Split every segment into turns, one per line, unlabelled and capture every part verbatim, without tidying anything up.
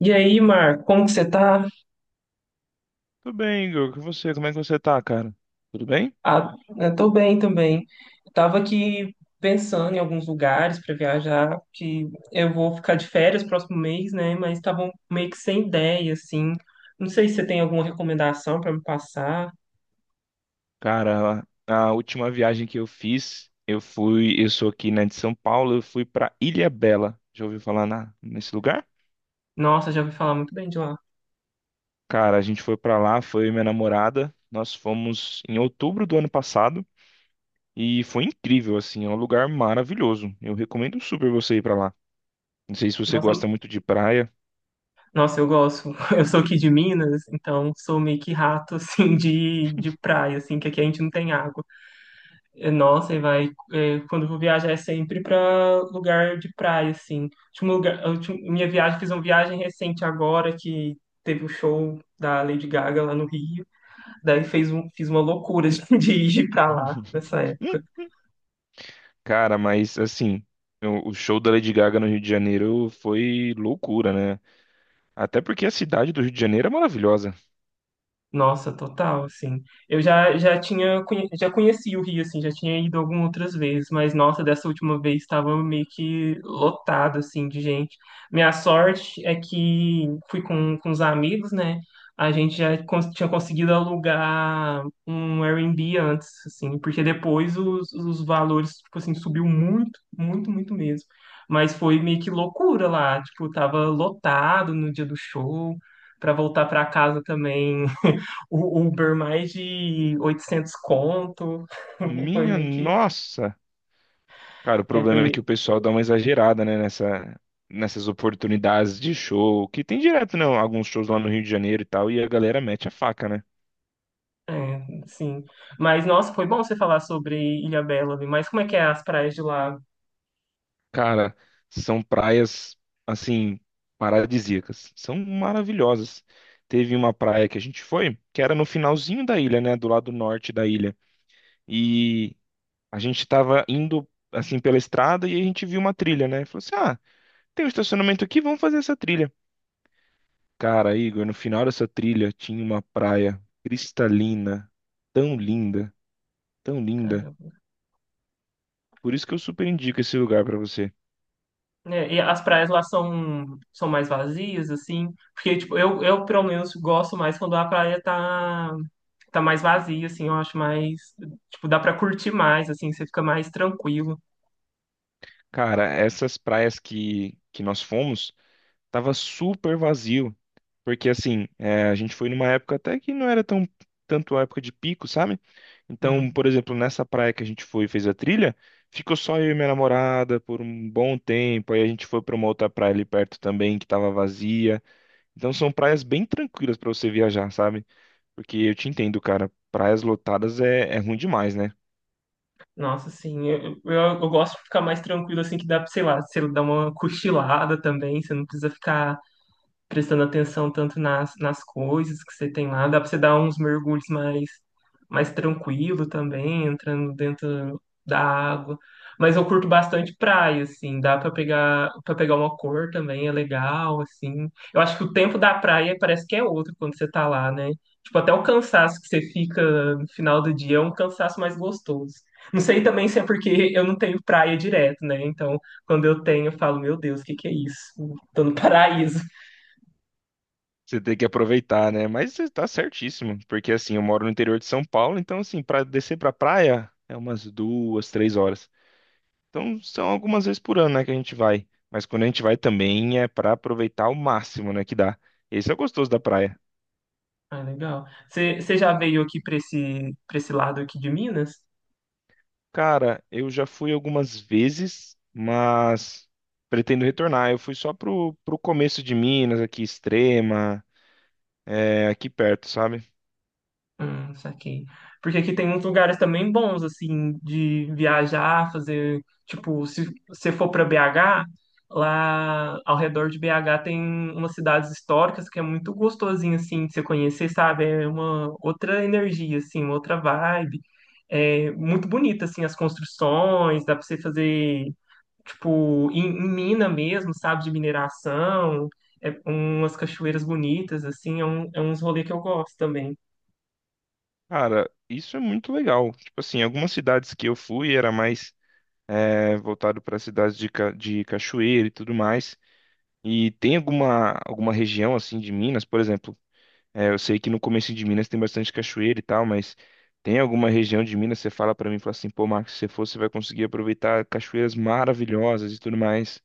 E aí, Mar, como que você tá?
Tudo bem, Igor? Com você? Como é que você tá, cara? Tudo bem?
Ah, eu tô bem também. Tava aqui pensando em alguns lugares para viajar, que eu vou ficar de férias próximo mês, né? Mas tava meio que sem ideia, assim. Não sei se você tem alguma recomendação para me passar.
Cara, a a última viagem que eu fiz, eu fui, eu sou aqui, né, de São Paulo, eu fui pra Ilha Bela. Já ouviu falar na, nesse lugar?
Nossa, já ouvi falar muito bem de lá.
Cara, a gente foi pra lá, foi eu e minha namorada. Nós fomos em outubro do ano passado e foi incrível, assim, é um lugar maravilhoso. Eu recomendo super você ir pra lá. Não sei se você
Nossa,
gosta muito de praia.
nossa, eu gosto. Eu sou aqui de Minas, então sou meio que rato, assim, de, de praia, assim, que aqui a gente não tem água. É, nossa, e vai. é, quando eu vou viajar é sempre pra lugar de praia, assim. Último lugar, a última- minha viagem, Fiz uma viagem recente agora que teve o show da Lady Gaga lá no Rio. Daí fez um, fiz uma loucura de ir pra lá nessa época.
Cara, mas assim, o o show da Lady Gaga no Rio de Janeiro foi loucura, né? Até porque a cidade do Rio de Janeiro é maravilhosa.
Nossa, total, assim. Eu já, já tinha, conhe- já conheci o Rio, assim, já tinha ido algumas outras vezes, mas nossa, dessa última vez estava meio que lotado, assim, de gente. Minha sorte é que fui com, com os amigos, né? A gente já cons- tinha conseguido alugar um Airbnb antes, assim, porque depois os, os valores, tipo assim, subiu muito, muito, muito mesmo. Mas foi meio que loucura lá, tipo, tava lotado no dia do show, para voltar para casa também. O Uber mais de oitocentos conto. Foi
Minha
meio que.
nossa! Cara, o
É, foi
problema é que o
meio.
pessoal dá uma exagerada, né, nessa, nessas oportunidades de show, que tem direto, né, alguns shows lá no Rio de Janeiro e tal, e a galera mete a faca, né?
É, sim. Mas, nossa, foi bom você falar sobre Ilhabela, viu? Mas como é que é as praias de lá?
Cara, são praias, assim, paradisíacas. São maravilhosas. Teve uma praia que a gente foi, que era no finalzinho da ilha, né, do lado norte da ilha. E a gente tava indo, assim, pela estrada e a gente viu uma trilha, né? Falou assim, ah, tem um estacionamento aqui, vamos fazer essa trilha. Cara, Igor, no final dessa trilha tinha uma praia cristalina, tão linda, tão linda.
Caramba.
Por isso que eu super indico esse lugar pra você.
É, e as praias lá são, são mais vazias, assim? Porque, tipo, eu, eu, pelo menos, gosto mais quando a praia tá, tá mais vazia, assim. Eu acho mais. Tipo, dá pra curtir mais, assim. Você fica mais tranquilo.
Cara, essas praias que, que nós fomos, tava super vazio. Porque assim, é, a gente foi numa época até que não era tão tanto a época de pico, sabe?
Uhum.
Então, por exemplo, nessa praia que a gente foi e fez a trilha, ficou só eu e minha namorada por um bom tempo. Aí a gente foi pra uma outra praia ali perto também que tava vazia. Então são praias bem tranquilas pra você viajar, sabe? Porque eu te entendo, cara. Praias lotadas é, é ruim demais, né?
Nossa, assim, eu, eu, eu gosto de ficar mais tranquilo, assim, que dá, pra, sei lá, você dá uma cochilada também, você não precisa ficar prestando atenção tanto nas, nas coisas que você tem lá, dá para você dar uns mergulhos mais, mais tranquilo também, entrando dentro da água. Mas eu curto bastante praia, assim, dá para pegar para pegar uma cor também, é legal, assim. Eu acho que o tempo da praia parece que é outro quando você tá lá, né? Tipo, até o cansaço que você fica no final do dia é um cansaço mais gostoso. Não sei também se é porque eu não tenho praia direto, né? Então, quando eu tenho, eu falo, meu Deus, o que que é isso? Tô no paraíso.
Você tem que aproveitar, né? Mas você tá certíssimo, porque assim, eu moro no interior de São Paulo, então assim, pra descer pra praia é umas duas, três horas. Então são algumas vezes por ano, né, que a gente vai. Mas quando a gente vai também é pra aproveitar o máximo, né, que dá. Esse é o gostoso da praia.
Ah, legal. Você você já veio aqui para esse, para esse lado aqui de Minas?
Cara, eu já fui algumas vezes, mas pretendo retornar. Eu fui só pro, pro começo de Minas, aqui, Extrema. É, aqui perto, sabe?
Hum, saquei. Porque aqui tem uns lugares também bons, assim, de viajar, fazer. Tipo, se você for para B H, lá ao redor de B H tem umas cidades históricas que é muito gostosinho, assim, de você conhecer, sabe? É uma outra energia, assim, uma outra vibe. É muito bonita, assim, as construções, dá para você fazer. Tipo, em, em mina mesmo, sabe, de mineração, é umas cachoeiras bonitas, assim, é, um, é uns rolês que eu gosto também.
Cara, isso é muito legal. Tipo assim, algumas cidades que eu fui era mais é, voltado para cidades de, ca- de cachoeira e tudo mais. E tem alguma, alguma região assim de Minas, por exemplo, é, eu sei que no começo de Minas tem bastante cachoeira e tal, mas tem alguma região de Minas que você fala para mim, fala assim, pô, Marcos, se você for, você vai conseguir aproveitar cachoeiras maravilhosas e tudo mais.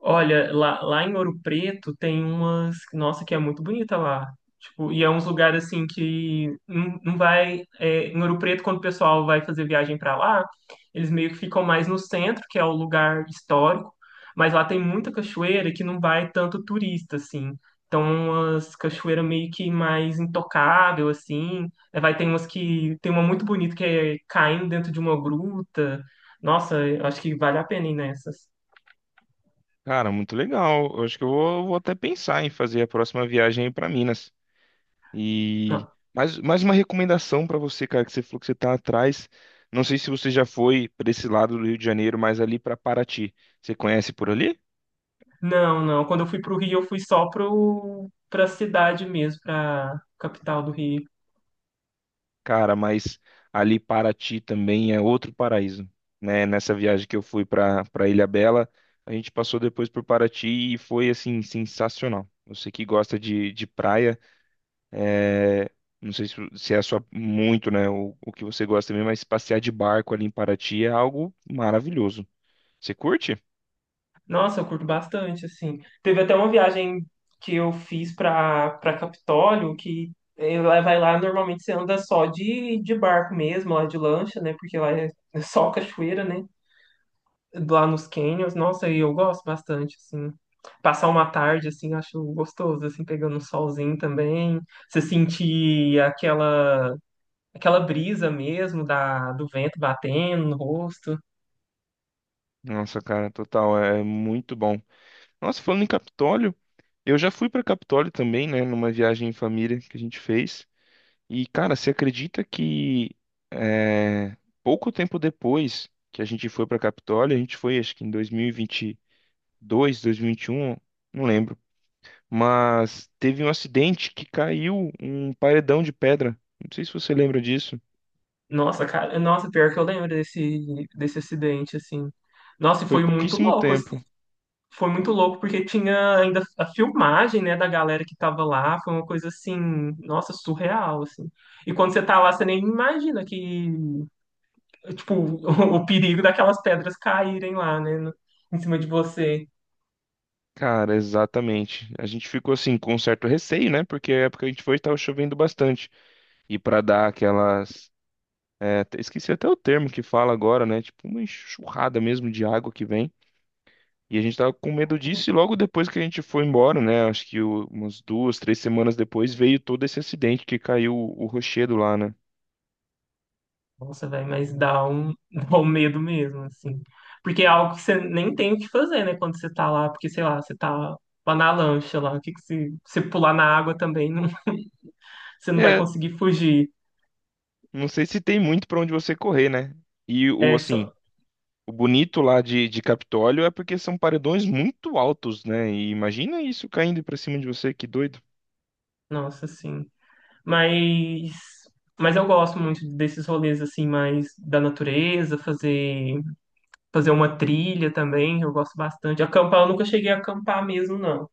Olha, lá, lá em Ouro Preto tem umas. Nossa, que é muito bonita lá. Tipo, e é uns lugares assim que não, não vai. é, em Ouro Preto, quando o pessoal vai fazer viagem pra lá, eles meio que ficam mais no centro, que é o lugar histórico. Mas lá tem muita cachoeira que não vai tanto turista, assim. Então, umas cachoeiras meio que mais intocável, assim. É, vai ter umas que. Tem uma muito bonita que é caindo dentro de uma gruta. Nossa, eu acho que vale a pena ir nessas.
Cara, muito legal. Eu acho que eu vou, vou até pensar em fazer a próxima viagem para Minas. E mais, mais uma recomendação pra você, cara, que você falou que você tá atrás. Não sei se você já foi pra esse lado do Rio de Janeiro, mas ali pra Paraty. Você conhece por ali?
Não, não. Quando eu fui pro Rio, eu fui só pro, pra cidade mesmo, pra capital do Rio.
Cara, mas ali Paraty também é outro paraíso, né? Nessa viagem que eu fui pra para Ilhabela, a gente passou depois por Paraty e foi assim sensacional. Você que gosta de, de praia, é, não sei se, se é a sua muito, né? O, o que você gosta mesmo, mas passear de barco ali em Paraty é algo maravilhoso. Você curte?
Nossa, eu curto bastante, assim. Teve até uma viagem que eu fiz pra, pra Capitólio, que eh, lá- vai lá, normalmente você anda só de, de barco mesmo, lá de lancha, né? Porque lá é é só cachoeira, né? Lá nos canyons. Nossa, e eu gosto bastante, assim. Passar uma tarde, assim, eu acho gostoso, assim, pegando um solzinho também. Você sentir aquela Aquela brisa mesmo da, do vento batendo no rosto.
Nossa, cara, total, é é muito bom. Nossa, falando em Capitólio, eu já fui pra Capitólio também, né, numa viagem em família que a gente fez. E, cara, você acredita que é, pouco tempo depois que a gente foi pra Capitólio, a gente foi, acho que em dois mil e vinte e dois, dois mil e vinte e um, não lembro. Mas teve um acidente que caiu um paredão de pedra. Não sei se você lembra disso.
Nossa, cara, nossa, pior que eu lembro desse, desse acidente, assim. Nossa, e
Foi
foi muito
pouquíssimo
louco, assim.
tempo.
Foi muito louco porque tinha ainda a filmagem, né, da galera que tava lá, foi uma coisa assim, nossa, surreal, assim. E quando você tá lá, você nem imagina que, tipo, o, perigo daquelas pedras caírem lá, né, no- em cima de você.
Cara, exatamente. A gente ficou assim com um certo receio, né? Porque a época que a gente foi estava chovendo bastante. E para dar aquelas, é, te- esqueci até o termo que fala agora, né? Tipo uma enxurrada mesmo de água que vem. E a gente tava com medo disso e logo depois que a gente foi embora, né? Acho que o- umas duas, três semanas depois veio todo esse acidente que caiu o o rochedo lá, né?
Nossa, velho, mas dá um, dá um medo mesmo, assim. Porque é algo que você nem tem o que fazer, né, quando você tá lá, porque, sei lá, você tá lá na lancha lá, o que que se você pular na água também, não, você não vai
É,
conseguir fugir.
não sei se tem muito para onde você correr, né? E o
É
assim,
só.
o bonito lá de, de Capitólio é porque são paredões muito altos, né? E imagina isso caindo pra cima de você, que doido.
Nossa, sim. Mas, mas eu gosto muito desses rolês, assim, mais da natureza, fazer, fazer uma trilha também, eu gosto bastante. Acampar, eu nunca cheguei a acampar mesmo, não.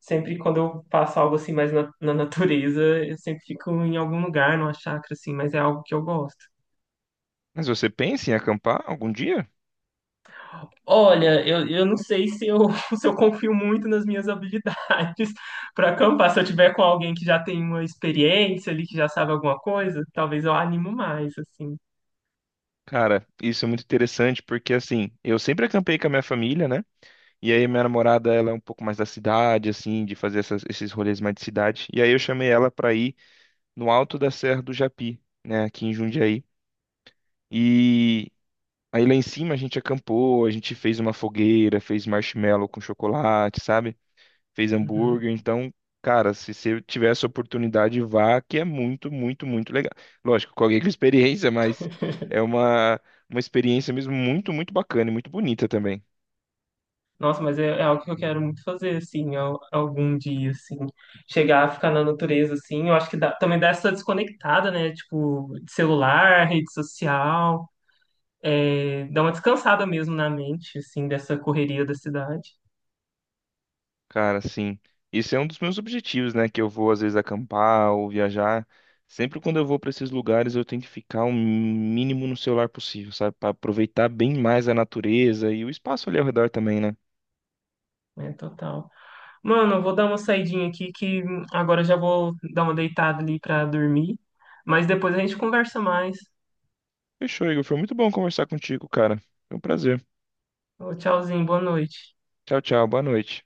Sempre quando eu faço algo assim mais na, na natureza, eu sempre fico em algum lugar, numa chácara, assim, mas é algo que eu gosto.
Mas você pensa em acampar algum dia?
Olha, eu, eu não sei se eu, se eu confio muito nas minhas habilidades para acampar. Se eu tiver com alguém que já tem uma experiência ali, que já sabe alguma coisa, talvez eu animo mais, assim.
Cara, isso é muito interessante porque assim, eu sempre acampei com a minha família, né? E aí minha namorada, ela é um pouco mais da cidade, assim, de fazer essas- esses rolês mais de cidade. E aí eu chamei ela pra ir no alto da Serra do Japi, né? Aqui em Jundiaí. E aí lá em cima a gente acampou, a gente fez uma fogueira, fez marshmallow com chocolate, sabe? Fez
Uhum.
hambúrguer. Então, cara, se você tiver essa oportunidade, vá, que é muito, muito, muito legal. Lógico, com alguém com experiência, mas é uma, uma experiência mesmo muito, muito bacana e muito bonita também.
Nossa, mas é, é algo que eu quero muito fazer, assim, al- algum dia, assim. Chegar a ficar na natureza, assim. Eu acho que dá- também dá essa desconectada, né? Tipo, de celular, rede social. Dá uma descansada mesmo na mente, assim, dessa correria da cidade.
Cara, sim. Isso é um dos meus objetivos, né? Que eu vou às vezes acampar ou viajar. Sempre quando eu vou para esses lugares, eu tento ficar o mínimo no celular possível, sabe? Para aproveitar bem mais a natureza e o espaço ali ao redor também, né?
É, total. Mano, eu vou dar uma saidinha aqui que hum, agora já vou dar uma deitada ali pra dormir. Mas depois a gente conversa mais.
Fechou, Igor. Foi muito bom conversar contigo, cara. Foi um prazer.
Ô, tchauzinho, boa noite.
Tchau, tchau. Boa noite.